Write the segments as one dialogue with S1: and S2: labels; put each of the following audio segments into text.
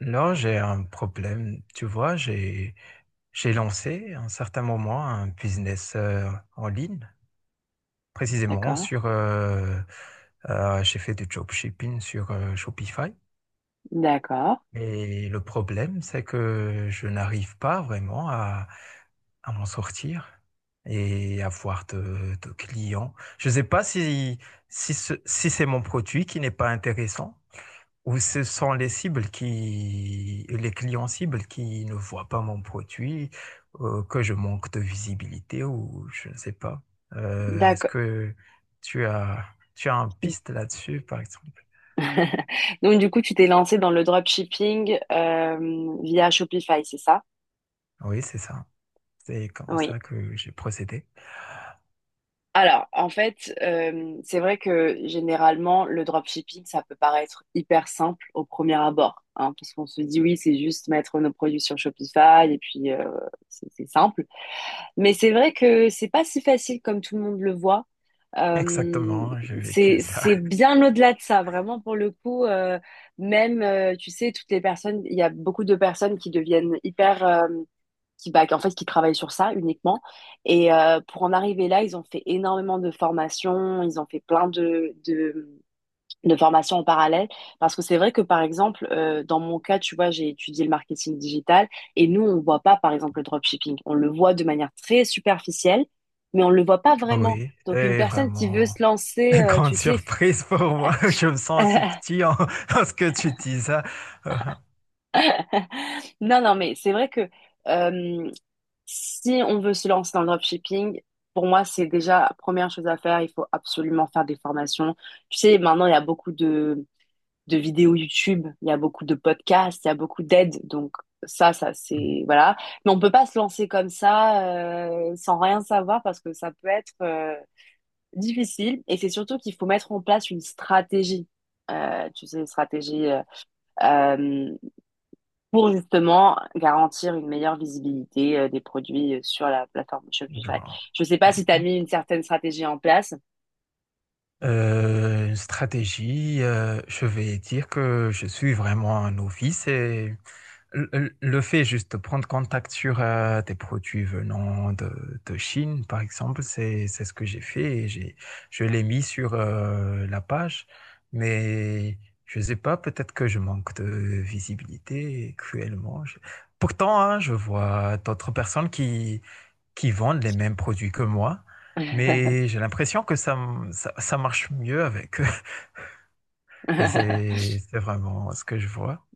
S1: Là, j'ai un problème. Tu vois, j'ai lancé à un certain moment un business en ligne, précisément
S2: D'accord,
S1: sur. J'ai fait du dropshipping sur Shopify.
S2: d'accord,
S1: Et le problème, c'est que je n'arrive pas vraiment à m'en sortir et avoir de clients. Je ne sais pas si si c'est mon produit qui n'est pas intéressant, ou ce sont les cibles qui, les clients cibles qui ne voient pas mon produit, que je manque de visibilité ou je ne sais pas. Est-ce
S2: d'accord.
S1: que tu as, tu as un piste là-dessus, par exemple?
S2: Donc du coup, tu t'es lancé dans le dropshipping via Shopify, c'est ça?
S1: Oui, c'est ça. C'est comme
S2: Oui.
S1: ça que j'ai procédé.
S2: Alors, en fait, c'est vrai que généralement, le dropshipping, ça peut paraître hyper simple au premier abord, hein, parce qu'on se dit oui, c'est juste mettre nos produits sur Shopify et puis c'est simple. Mais c'est vrai que c'est pas si facile comme tout le monde le voit. Euh,
S1: Exactement, j'ai vécu
S2: c'est
S1: ça.
S2: c'est bien au-delà de ça, vraiment pour le coup. Même, tu sais, toutes les personnes, il y a beaucoup de personnes qui deviennent hyper, qui bah, en fait, qui travaillent sur ça uniquement. Et pour en arriver là, ils ont fait énormément de formations, ils ont fait plein de, de formation en parallèle parce que c'est vrai que par exemple dans mon cas tu vois j'ai étudié le marketing digital et nous on voit pas par exemple le dropshipping, on le voit de manière très superficielle mais on le voit pas
S1: Ah
S2: vraiment.
S1: oui,
S2: Donc une
S1: c'est
S2: personne qui veut
S1: vraiment
S2: se lancer
S1: une grande
S2: tu sais…
S1: surprise pour moi. Je me sens si petit en, en ce que tu dis ça.
S2: Non non, mais c'est vrai que euh, si on veut se lancer dans le dropshipping, pour moi c'est déjà la première chose à faire, il faut absolument faire des formations. Tu sais maintenant il y a beaucoup de vidéos YouTube, il y a beaucoup de podcasts, il y a beaucoup d'aides. Donc ça c'est voilà. Mais on peut pas se lancer comme ça sans rien savoir parce que ça peut être difficile. Et c'est surtout qu'il faut mettre en place une stratégie. Tu sais, une stratégie euh, pour justement garantir une meilleure visibilité des produits sur la plateforme
S1: Euh,
S2: Shopify.
S1: genre,
S2: Je ne sais
S1: euh,
S2: pas si tu as mis une certaine stratégie en place.
S1: une stratégie, je vais dire que je suis vraiment un novice. Et le fait juste de prendre contact sur des produits venant de Chine, par exemple, c'est ce que j'ai fait, et j'ai je l'ai mis sur la page, mais je sais pas, peut-être que je manque de visibilité cruellement. Je... Pourtant, hein, je vois d'autres personnes qui vendent les mêmes produits que moi, mais j'ai l'impression que ça marche mieux avec eux. Et c'est vraiment ce que je vois.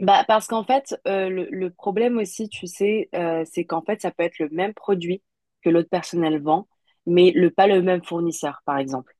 S2: Bah, parce qu'en fait, le problème aussi, tu sais, c'est qu'en fait, ça peut être le même produit que l'autre personne elle vend, mais le, pas le même fournisseur, par exemple.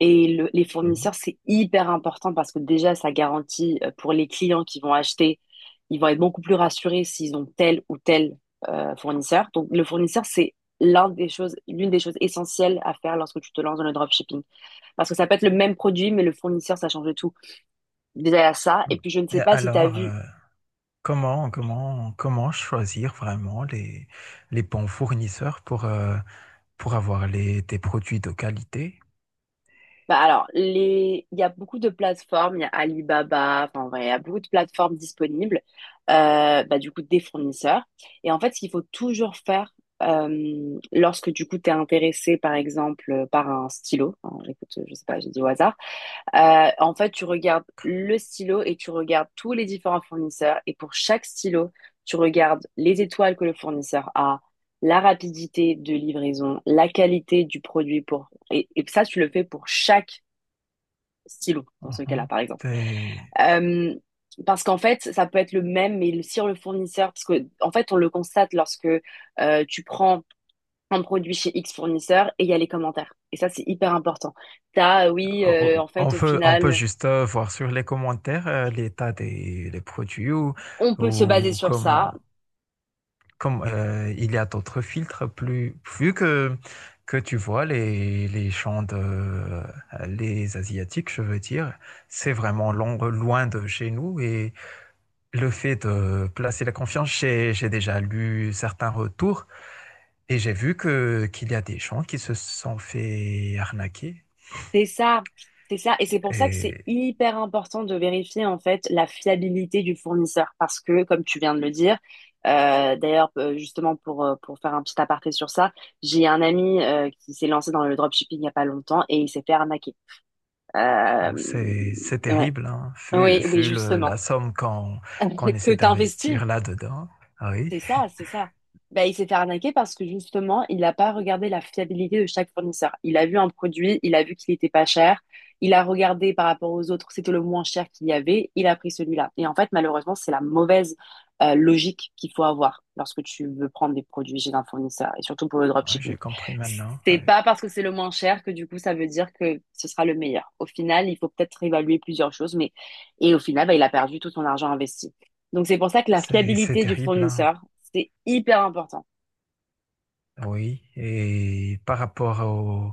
S2: Et le- les fournisseurs,
S1: Mhm.
S2: c'est hyper important parce que déjà, ça garantit pour les clients qui vont acheter, ils vont être beaucoup plus rassurés s'ils ont tel ou tel fournisseur. Donc, le fournisseur, c'est l'un des choses, l'une des choses essentielles à faire lorsque tu te lances dans le dropshipping. Parce que ça peut être le même produit, mais le fournisseur, ça change de tout. Déjà, il y a ça. Et puis, je ne
S1: Et
S2: sais pas si tu as vu…
S1: comment, comment, comment choisir vraiment les bons fournisseurs pour avoir les, des produits de qualité?
S2: Bah alors, les… il y a beaucoup de plateformes, il y a Alibaba, enfin, en vrai, il y a beaucoup de plateformes disponibles, bah, du coup, des fournisseurs. Et en fait, ce qu'il faut toujours faire lorsque, du coup, tu es intéressé, par exemple, par un stylo, hein, écoute, je sais pas, j'ai dit au hasard, en fait, tu regardes le stylo et tu regardes tous les différents fournisseurs. Et pour chaque stylo, tu regardes les étoiles que le fournisseur a, la rapidité de livraison, la qualité du produit pour… et ça, tu le fais pour chaque stylo dans ce cas-là,
S1: Mhm.
S2: par exemple.
S1: C'est...
S2: Euh, Parce qu'en fait, ça peut être le même, mais le- sur le fournisseur, parce que en fait, on le constate lorsque tu prends un produit chez X fournisseur et il y a les commentaires. Et ça, c'est hyper important. T'as, oui,
S1: Oh,
S2: en
S1: on
S2: fait, au
S1: peut, on peut
S2: final,
S1: juste voir sur les commentaires l'état des les produits, ou,
S2: on peut se baser
S1: ou
S2: sur ça.
S1: comment, comme, il y a d'autres filtres plus, vu que tu vois les champs de, les Asiatiques, je veux dire, c'est vraiment loin de chez nous, et le fait de placer la confiance, j'ai déjà lu certains retours et j'ai vu que, qu'il y a des gens qui se sont fait arnaquer.
S2: C'est ça, c'est ça. Et c'est pour ça que c'est hyper important de vérifier en fait la fiabilité du fournisseur. Parce que, comme tu viens de le dire, d'ailleurs, justement pour faire un petit aparté sur ça, j'ai un ami qui s'est lancé dans le dropshipping il n'y a pas longtemps et il s'est fait arnaquer. Euh,
S1: Oh, c'est
S2: ouais.
S1: terrible, hein, vu,
S2: Oui, oui,
S1: vu le- la
S2: justement.
S1: somme qu'on
S2: Que
S1: essaie
S2: t'investis,
S1: d'investir là-dedans. Ah oui.
S2: c'est ça, c'est ça. Ben, il s'est fait arnaquer parce que justement, il n'a pas regardé la fiabilité de chaque fournisseur. Il a vu un produit, il a vu qu'il était pas cher, il a regardé par rapport aux autres, c'était le moins cher qu'il y avait, il a pris celui-là. Et en fait, malheureusement, c'est la mauvaise logique qu'il faut avoir lorsque tu veux prendre des produits chez un fournisseur, et surtout pour le
S1: Ouais,
S2: dropshipping.
S1: j'ai compris maintenant.
S2: C'est
S1: Ah oui.
S2: pas parce que c'est le moins cher que du coup, ça veut dire que ce sera le meilleur. Au final, il faut peut-être évaluer plusieurs choses, mais et au final, ben, il a perdu tout son argent investi. Donc c'est pour ça que la
S1: C'est
S2: fiabilité du
S1: terrible, hein.
S2: fournisseur, c'est hyper important.
S1: Ah oui, et par rapport au...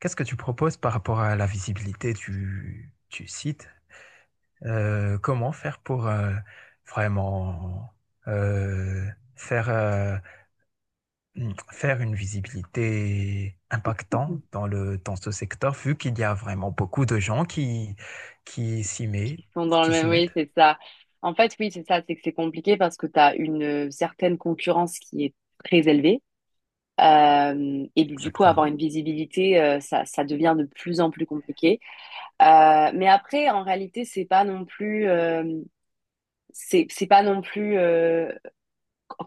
S1: Qu'est-ce que tu proposes par rapport à la visibilité du site? Comment faire pour vraiment euh, faire... faire une visibilité impactante dans le, dans ce secteur, vu qu'il y a vraiment beaucoup de gens qui, qui s'y mettent,
S2: Qui sont dans le
S1: qui s'y
S2: même, oui,
S1: mettent.
S2: c'est ça. En fait, oui, c'est ça, c'est que c'est compliqué parce que tu as une certaine concurrence qui est très élevée. Et du coup, avoir
S1: Exactement.
S2: une visibilité, ça, ça devient de plus en plus compliqué. Mais après, en réalité, c'est pas non plus, c'est pas non plus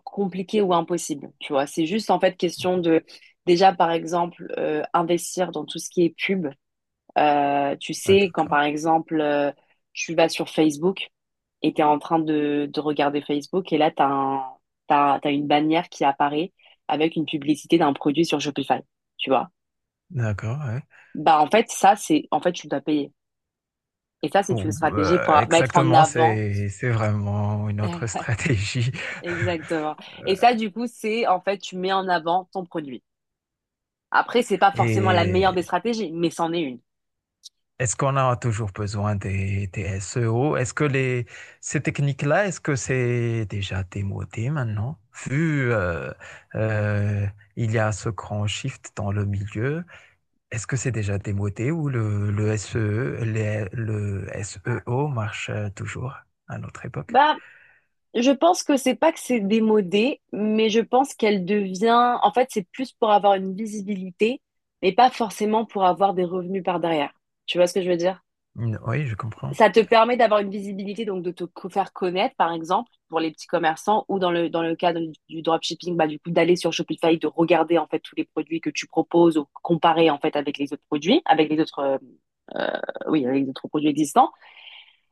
S2: compliqué ou impossible. Tu vois, c'est juste en fait question de, déjà, par exemple, investir dans tout ce qui est pub. Tu
S1: Ah,
S2: sais, quand
S1: d'accord.
S2: par exemple, tu vas sur Facebook et tu es en train de regarder Facebook et là, tu as un, t'as, t'as une bannière qui apparaît avec une publicité d'un produit sur Shopify, tu vois.
S1: D'accord, ouais.
S2: Bah, en fait, ça, c'est, en fait, tu dois payer. Et ça, c'est
S1: Ou,
S2: une stratégie pour mettre en
S1: exactement,
S2: avant.
S1: c'est vraiment une autre stratégie.
S2: Exactement. Et ça, du coup, c'est, en fait, tu mets en avant ton produit. Après, c'est pas forcément la meilleure des
S1: Et
S2: stratégies, mais c'en est une.
S1: est-ce qu'on a toujours besoin des SEO? Est-ce que les, ces techniques-là, est-ce que c'est déjà démodé maintenant? Vu euh, il y a ce grand shift dans le milieu, est-ce que c'est déjà démodé, ou le SEO, le SEO marche toujours à notre époque?
S2: Bah, je pense que c'est pas que c'est démodé, mais je pense qu'elle devient, en fait, c'est plus pour avoir une visibilité, mais pas forcément pour avoir des revenus par derrière. Tu vois ce que je veux dire?
S1: Mm, oui, je comprends.
S2: Ça te permet d'avoir une visibilité, donc de te co- faire connaître, par exemple, pour les petits commerçants ou dans le cadre du dropshipping, bah, du coup, d'aller sur Shopify, de regarder, en fait, tous les produits que tu proposes ou comparer, en fait, avec les autres produits, avec les autres, euh, oui, avec les autres produits existants.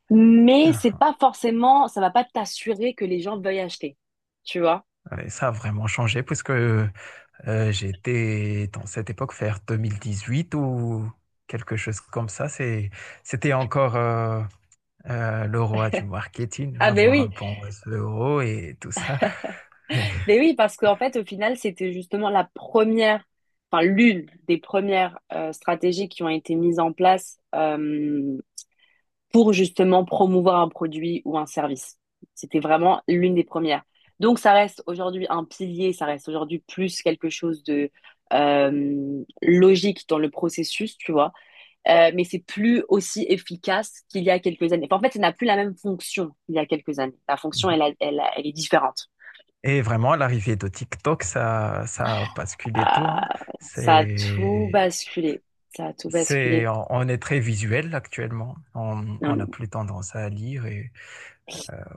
S2: Mais c'est
S1: Ah,
S2: pas forcément, ça va pas t'assurer que les gens veuillent acheter. Tu vois?
S1: ah. Et ça a vraiment changé, puisque j'étais dans cette époque vers 2018 ou quelque chose comme ça. C'est, c'était encore le roi du marketing,
S2: Ah,
S1: avoir un bon réseau et tout ça. Et...
S2: ben oui, parce qu'en fait, au final, c'était justement la première, enfin, l'une des premières stratégies qui ont été mises en place. Pour justement promouvoir un produit ou un service. C'était vraiment l'une des premières. Donc ça reste aujourd'hui un pilier, ça reste aujourd'hui plus quelque chose de logique dans le processus, tu vois. Mais c'est plus aussi efficace qu'il y a quelques années. Enfin, en fait, ça n'a plus la même fonction qu'il y a quelques années. La fonction, elle, a- elle, a- elle est différente.
S1: et vraiment, l'arrivée de TikTok, ça a basculé tout, hein.
S2: Ah, ça a tout
S1: C'est,
S2: basculé. Ça a tout basculé.
S1: c'est, on est très visuel actuellement.
S2: Non,
S1: On n'a
S2: non.
S1: plus tendance à lire et,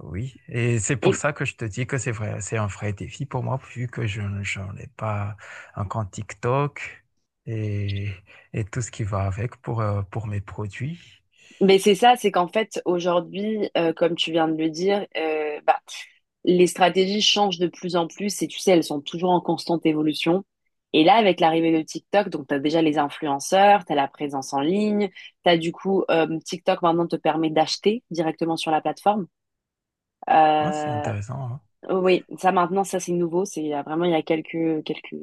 S1: oui, et c'est pour
S2: Et,
S1: ça que je te dis que c'est vrai, c'est un vrai défi pour moi, vu que je n'en ai pas un compte TikTok et, et tout ce qui va avec pour mes produits.
S2: mais c'est ça, c'est qu'en fait, aujourd'hui, comme tu viens de le dire, bah, les stratégies changent de plus en plus et tu sais, elles sont toujours en constante évolution. Et là, avec l'arrivée de TikTok, donc tu as déjà les influenceurs, tu as la présence en ligne, tu as du coup TikTok maintenant te permet d'acheter directement sur la plateforme.
S1: Ah, c'est
S2: Euh,
S1: intéressant, hein.
S2: oui, ça maintenant, ça c'est nouveau, c'est il y a vraiment il y a quelques, quelques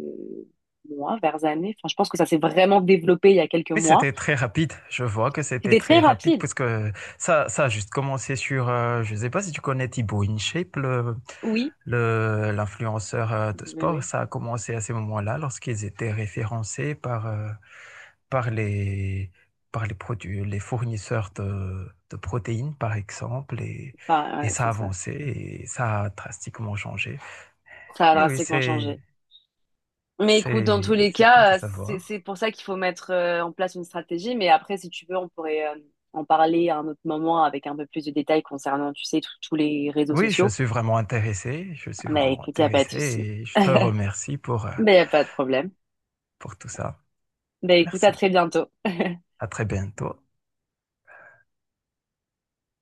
S2: mois, vers années. Enfin, je pense que ça s'est vraiment développé il y a quelques
S1: Oui,
S2: mois.
S1: c'était très rapide. Je vois que c'était
S2: C'était très
S1: très rapide
S2: rapide,
S1: parce que ça a juste commencé sur, je ne sais pas si tu connais Thibaut InShape, le,
S2: oui,
S1: l'influenceur de
S2: oui,
S1: sport.
S2: oui.
S1: Ça a commencé à ces moments-là lorsqu'ils étaient référencés par, par les, par les produits, les fournisseurs de protéines, par exemple.
S2: Enfin,
S1: Et
S2: ouais,
S1: ça a
S2: c'est ça.
S1: avancé et ça a drastiquement changé.
S2: Ça a
S1: Et oui,
S2: drastiquement changé. Mais écoute, dans tous les
S1: c'est cool de
S2: cas, c'est c'est
S1: savoir.
S2: pour ça qu'il faut mettre en place une stratégie. Mais après, si tu veux, on pourrait en parler à un autre moment avec un peu plus de détails concernant, tu sais, tous les réseaux
S1: Oui, je
S2: sociaux.
S1: suis vraiment intéressé, je suis
S2: Mais
S1: vraiment
S2: écoute, il n'y a pas de
S1: intéressé,
S2: souci.
S1: et je te
S2: Mais
S1: remercie
S2: il n'y a pas de problème.
S1: pour tout ça.
S2: Ben écoute, à
S1: Merci.
S2: très bientôt.
S1: À très bientôt.